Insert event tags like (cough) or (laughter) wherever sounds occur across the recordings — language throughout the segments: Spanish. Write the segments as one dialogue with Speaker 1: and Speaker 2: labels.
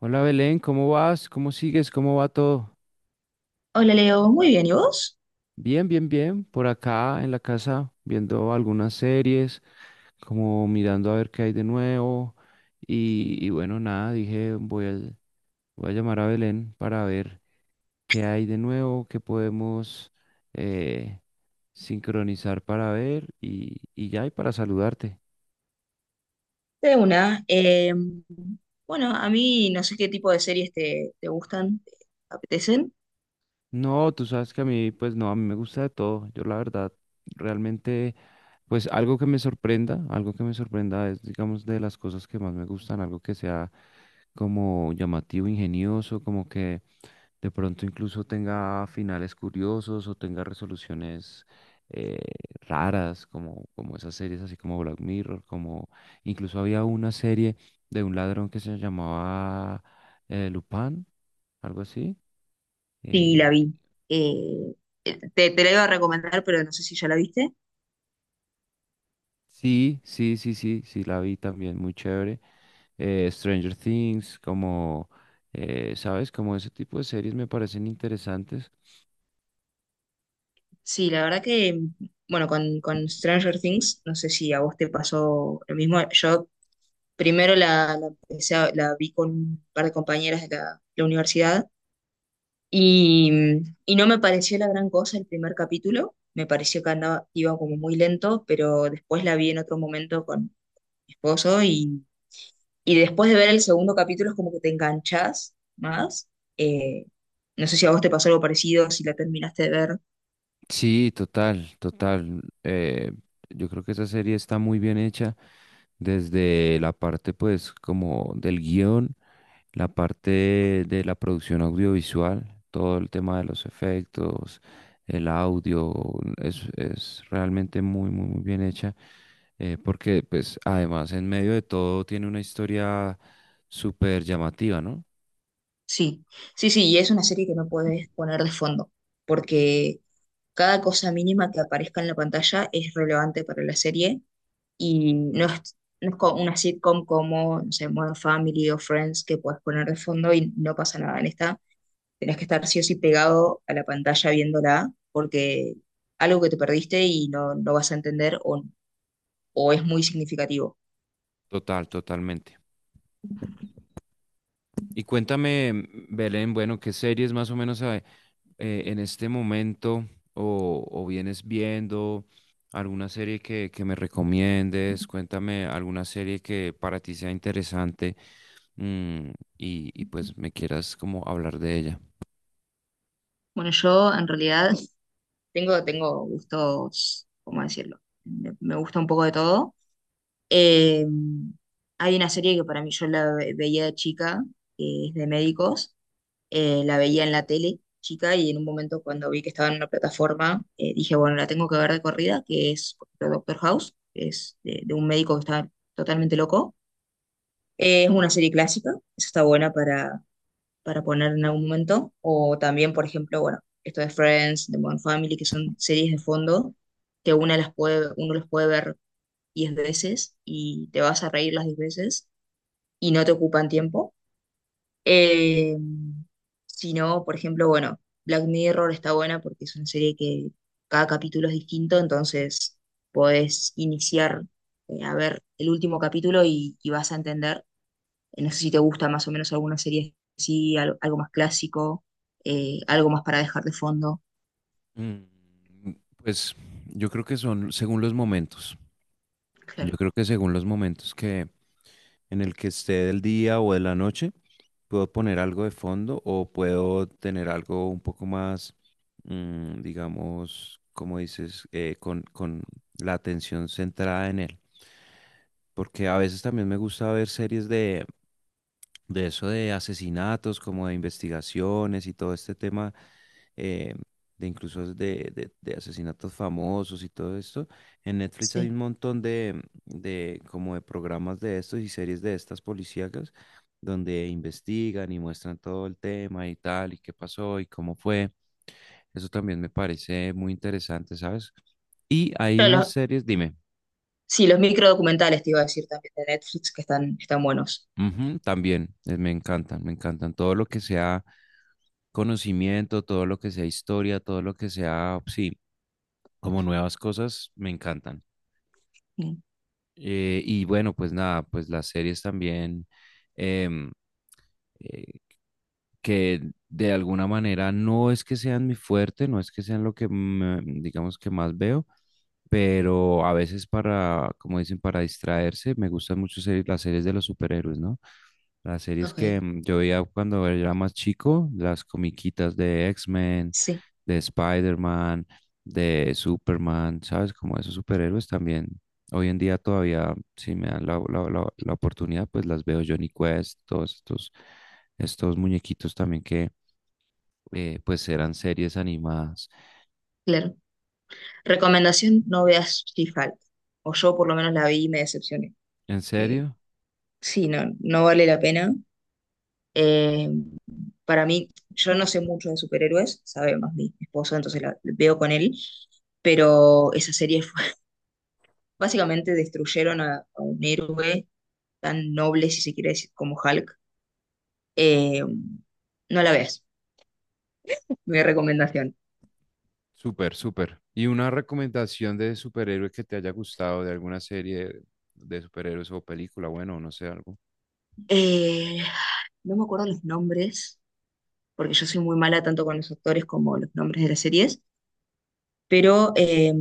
Speaker 1: Hola Belén, ¿cómo vas? ¿Cómo sigues? ¿Cómo va todo?
Speaker 2: Hola Leo, muy bien, ¿y vos?
Speaker 1: Bien, bien, bien. Por acá en la casa viendo algunas series, como mirando a ver qué hay de nuevo. Y bueno, nada, dije, voy a llamar a Belén para ver qué hay de nuevo, qué podemos eh, sincronizar para ver y ya, y para saludarte.
Speaker 2: De una. Bueno, a mí no sé qué tipo de series te gustan, te apetecen.
Speaker 1: No, tú sabes que a mí, pues no, a mí me gusta de todo. Yo la verdad, realmente, pues algo que me sorprenda, algo que me sorprenda es, digamos, de las cosas que más me gustan, algo que sea como llamativo, ingenioso, como que de pronto incluso tenga finales curiosos o tenga resoluciones eh, raras, como esas series así como Black Mirror, como incluso había una serie de un ladrón que se llamaba Lupin, algo así. eh,
Speaker 2: Sí, la vi. Eh, te la iba a recomendar, pero no sé si ya la viste.
Speaker 1: Sí, sí, sí, sí, sí, la vi también, muy chévere. Stranger Things, como, ¿sabes? Como ese tipo de series me parecen interesantes.
Speaker 2: Sí, la verdad que, bueno, con Stranger Things, no sé si a vos te pasó lo mismo. Yo primero la la vi con un par de compañeras de la universidad. Y, y no me pareció la gran cosa el primer capítulo, me pareció que andaba, iba como muy lento, pero después la vi en otro momento con mi esposo y después de ver el segundo capítulo es como que te enganchas más. Eh, no sé si a vos te pasó algo parecido, si la terminaste de ver.
Speaker 1: Sí, total, total. Yo creo que esa serie está muy bien hecha desde la parte, pues, como del guión. La parte de la producción audiovisual, todo el tema de los efectos, el audio, es realmente muy bien hecha, porque pues además en medio de todo tiene una historia súper llamativa, ¿no?
Speaker 2: Sí, sí, sí, y es una serie que no puedes poner de fondo, porque cada cosa mínima que aparezca en la pantalla es relevante para la serie y no es como una sitcom como, no sé, Modern Family o Friends que puedes poner de fondo y no pasa nada. En esta tenés que estar sí o sí pegado a la pantalla viéndola porque algo que te perdiste y no, no vas a entender o es muy significativo.
Speaker 1: Total, totalmente. Y cuéntame, Belén, bueno, ¿qué series más o menos en este momento o vienes viendo? ¿Alguna serie que me recomiendes? Cuéntame alguna serie que para ti sea interesante mm, y pues me quieras como hablar de ella.
Speaker 2: Bueno, yo en realidad (laughs) tengo gustos, ¿cómo decirlo? Me gusta un poco de todo. Eh, Hay una serie que para mí yo veía de chica, que es de médicos. La veía en la tele chica y en un momento cuando vi que estaba en una plataforma, dije, bueno, la tengo que ver de corrida, que es por ejemplo, Doctor House, que es de un médico que está totalmente loco. Es una serie clásica, esa está buena para poner en algún momento. O también, por ejemplo, bueno, esto de Friends, de Modern Family, que son series de fondo que uno las puede ver 10 veces y te vas a reír las 10 veces y no te ocupan tiempo. Eh, si no, por ejemplo, bueno, Black Mirror está buena porque es una serie que cada capítulo es distinto, entonces podés iniciar a ver el último capítulo y vas a entender. No sé si te gusta más o menos alguna serie así, algo más clásico, algo más para dejar de fondo.
Speaker 1: Mm, Pues yo creo que son según los momentos. Yo
Speaker 2: Claro,
Speaker 1: creo que según los momentos que, en el que esté del día o de la noche, puedo poner algo de fondo o puedo tener algo un poco más, digamos, como dices, con la atención centrada en él. Porque a veces también me gusta ver series de eso de asesinatos, como de investigaciones y todo este tema, eh, de incluso de asesinatos famosos y todo esto. En Netflix hay
Speaker 2: sí.
Speaker 1: un montón de como de programas de estos y series de estas policíacas donde investigan y muestran todo el tema y tal, y qué pasó y cómo fue. Eso también me parece muy interesante, ¿sabes? Y hay
Speaker 2: Claro,
Speaker 1: unas series, dime,
Speaker 2: sí, los microdocumentales te iba a decir también de Netflix que están buenos.
Speaker 1: ujú, también, me encantan todo lo que sea. Conocimiento, todo lo que sea historia, todo lo que sea, sí, como nuevas cosas, me encantan.
Speaker 2: Mm,
Speaker 1: Y bueno, pues nada, pues las series también, em, eh, que de alguna manera no es que sean mi fuerte, no es que sean lo que, digamos, que más veo, pero a veces para, como dicen, para distraerse, me gustan mucho las series de los superhéroes, ¿no? Las series
Speaker 2: ok,
Speaker 1: que yo veía cuando era más chico, las comiquitas de X-Men,
Speaker 2: sí,
Speaker 1: de Spider-Man, de Superman, ¿sabes? Como esos superhéroes también. Hoy en día todavía, si me dan la oportunidad, pues las veo Johnny Quest, todos estos, estos muñequitos también que pues eran series animadas.
Speaker 2: claro. Recomendación, no veas si falta. O yo por lo menos la vi y me decepcioné.
Speaker 1: ¿En
Speaker 2: Eh,
Speaker 1: serio?
Speaker 2: sí, no, no vale la pena. Eh, para mí, yo no sé mucho de superhéroes, sabe más mi esposo, entonces la veo con él. Pero esa serie (laughs) básicamente destruyeron a un héroe tan noble, si se quiere decir, como Hulk. Eh, no la veas, mi recomendación.
Speaker 1: Súper, súper. ¿Y una recomendación de superhéroe que te haya gustado de alguna serie de superhéroes o película? Bueno, no sé, algo.
Speaker 2: Eh, no me acuerdo los nombres, porque yo soy muy mala tanto con los actores como los nombres de las series. Pero,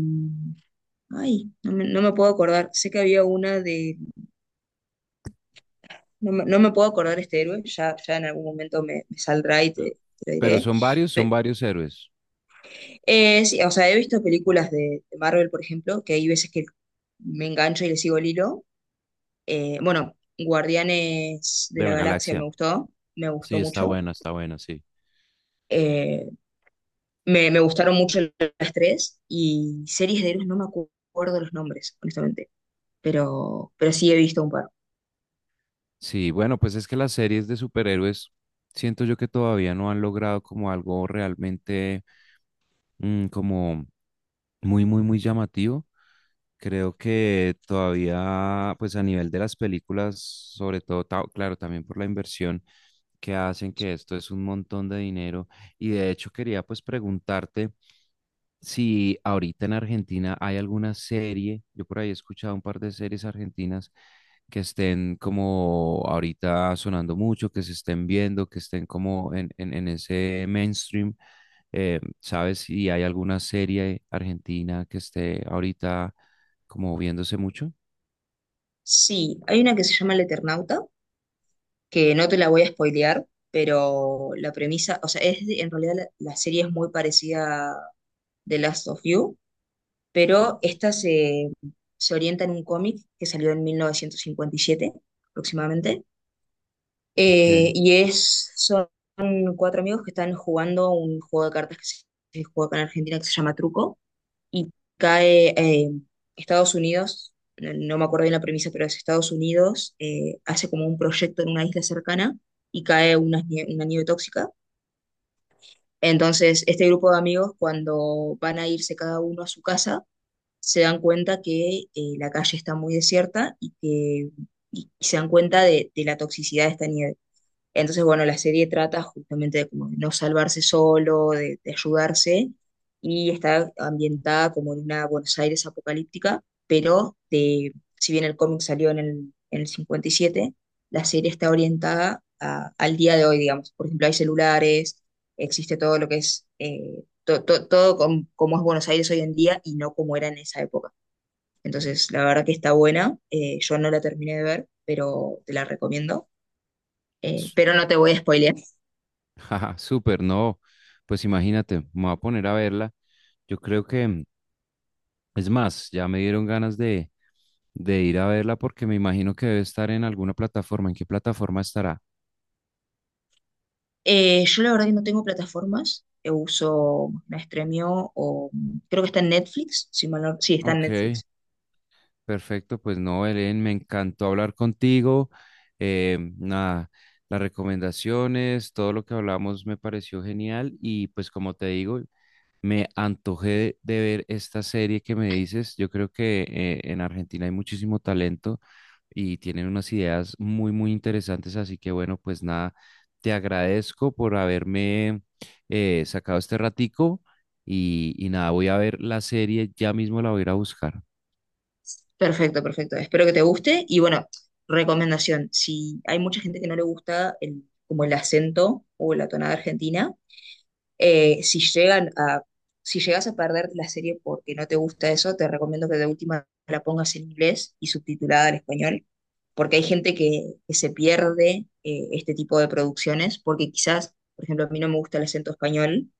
Speaker 2: ay, no me puedo acordar, sé que había no me puedo acordar este héroe, ya, ya en algún momento me saldrá y te lo
Speaker 1: Pero
Speaker 2: diré.
Speaker 1: son varios héroes
Speaker 2: Sí, o sea, he visto películas de Marvel, por ejemplo, que hay veces que me engancho y le sigo el hilo. Bueno, Guardianes de
Speaker 1: de
Speaker 2: la
Speaker 1: la
Speaker 2: Galaxia
Speaker 1: galaxia.
Speaker 2: me
Speaker 1: Sí,
Speaker 2: gustó mucho.
Speaker 1: está buena, sí.
Speaker 2: Eh, me gustaron mucho las tres y series de héroes no me acuerdo los nombres, honestamente, pero sí he visto un par.
Speaker 1: Sí, bueno, pues es que las series de superhéroes siento yo que todavía no han logrado como algo realmente como muy llamativo. Creo que todavía, pues a nivel de las películas, sobre todo, claro, también por la inversión que hacen, que esto es un montón de dinero. Y de hecho quería pues preguntarte. Si ahorita en Argentina hay alguna serie, yo por ahí he escuchado un par de series argentinas que estén como ahorita sonando mucho, que se estén viendo, que estén como en ese mainstream. ¿Sabes si hay alguna serie argentina que esté ahorita como viéndose mucho?
Speaker 2: Sí, hay una que se llama El Eternauta, que no te la voy a spoilear, pero la premisa, o sea, en realidad la serie es muy parecida a The Last of You,
Speaker 1: Sí.
Speaker 2: pero esta se orienta en un cómic que salió en 1957 aproximadamente,
Speaker 1: Ok.
Speaker 2: y son cuatro amigos que están jugando un juego de cartas que se juega acá en Argentina que se llama Truco, y cae Estados Unidos, no, no me acuerdo bien la premisa, pero es Estados Unidos, hace como un proyecto en una isla cercana y cae una nieve tóxica. Entonces, este grupo de amigos, cuando van a irse cada uno a su casa, se dan cuenta que la calle está muy desierta y que y se dan cuenta de la toxicidad de esta nieve. Entonces, bueno, la serie trata justamente como de no salvarse solo, de ayudarse, y está ambientada como en una Buenos Aires apocalíptica, pero si bien el cómic salió en el 57, la serie está orientada al día de hoy, digamos. Por ejemplo, hay celulares, existe todo lo que es, todo como es Buenos Aires hoy en día y no como era en esa época. Entonces, la verdad que está buena, yo no la terminé de ver, pero te la recomiendo.
Speaker 1: Su-
Speaker 2: Pero no te voy a spoilear.
Speaker 1: (laughs) jaja, súper, no, pues imagínate, me voy a poner a verla. Yo creo que... Es más, ya me dieron ganas de ir a verla porque me imagino que debe estar en alguna plataforma. ¿En qué plataforma estará?
Speaker 2: Yo la verdad que no tengo plataformas, yo uso la Stremio o creo que está en Netflix, si mal no- sí, está en
Speaker 1: Ok,
Speaker 2: Netflix.
Speaker 1: perfecto. Pues no, Belén, me encantó hablar contigo. Nada, las recomendaciones, todo lo que hablamos me pareció genial y pues como te digo, me antojé de ver esta serie que me dices. Yo creo que en Argentina hay muchísimo talento. Y tienen unas ideas muy, muy interesantes. Así que bueno, pues nada, te agradezco por haberme sacado este ratico y nada, voy a ver la serie, ya mismo la voy a ir a buscar.
Speaker 2: Perfecto, perfecto. Espero que te guste y bueno, recomendación, si hay mucha gente que no le gusta como el acento o la tonada argentina. Eh, si llegan a, si llegas a perder la serie porque no te gusta eso, te recomiendo que de última la pongas en inglés y subtitulada al español, porque hay gente que se pierde este tipo de producciones, porque quizás, por ejemplo, a mí no me gusta el acento español,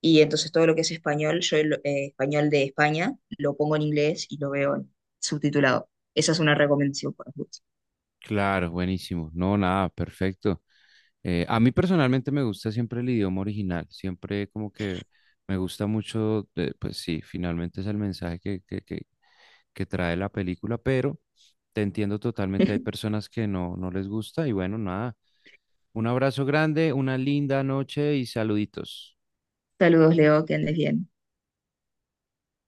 Speaker 2: y entonces todo lo que es español, yo el español de España, lo pongo en inglés y lo veo subtitulado. Esa es una recomendación para vos.
Speaker 1: Claro, buenísimo. No, nada, perfecto. A mí personalmente me gusta siempre el idioma original, siempre como que me gusta mucho, pues sí, finalmente es el mensaje que trae la película, pero te entiendo totalmente, hay
Speaker 2: (laughs)
Speaker 1: personas que no, no les gusta y bueno, nada, un abrazo grande, una linda noche y saluditos.
Speaker 2: Saludos, Leo, que andes bien.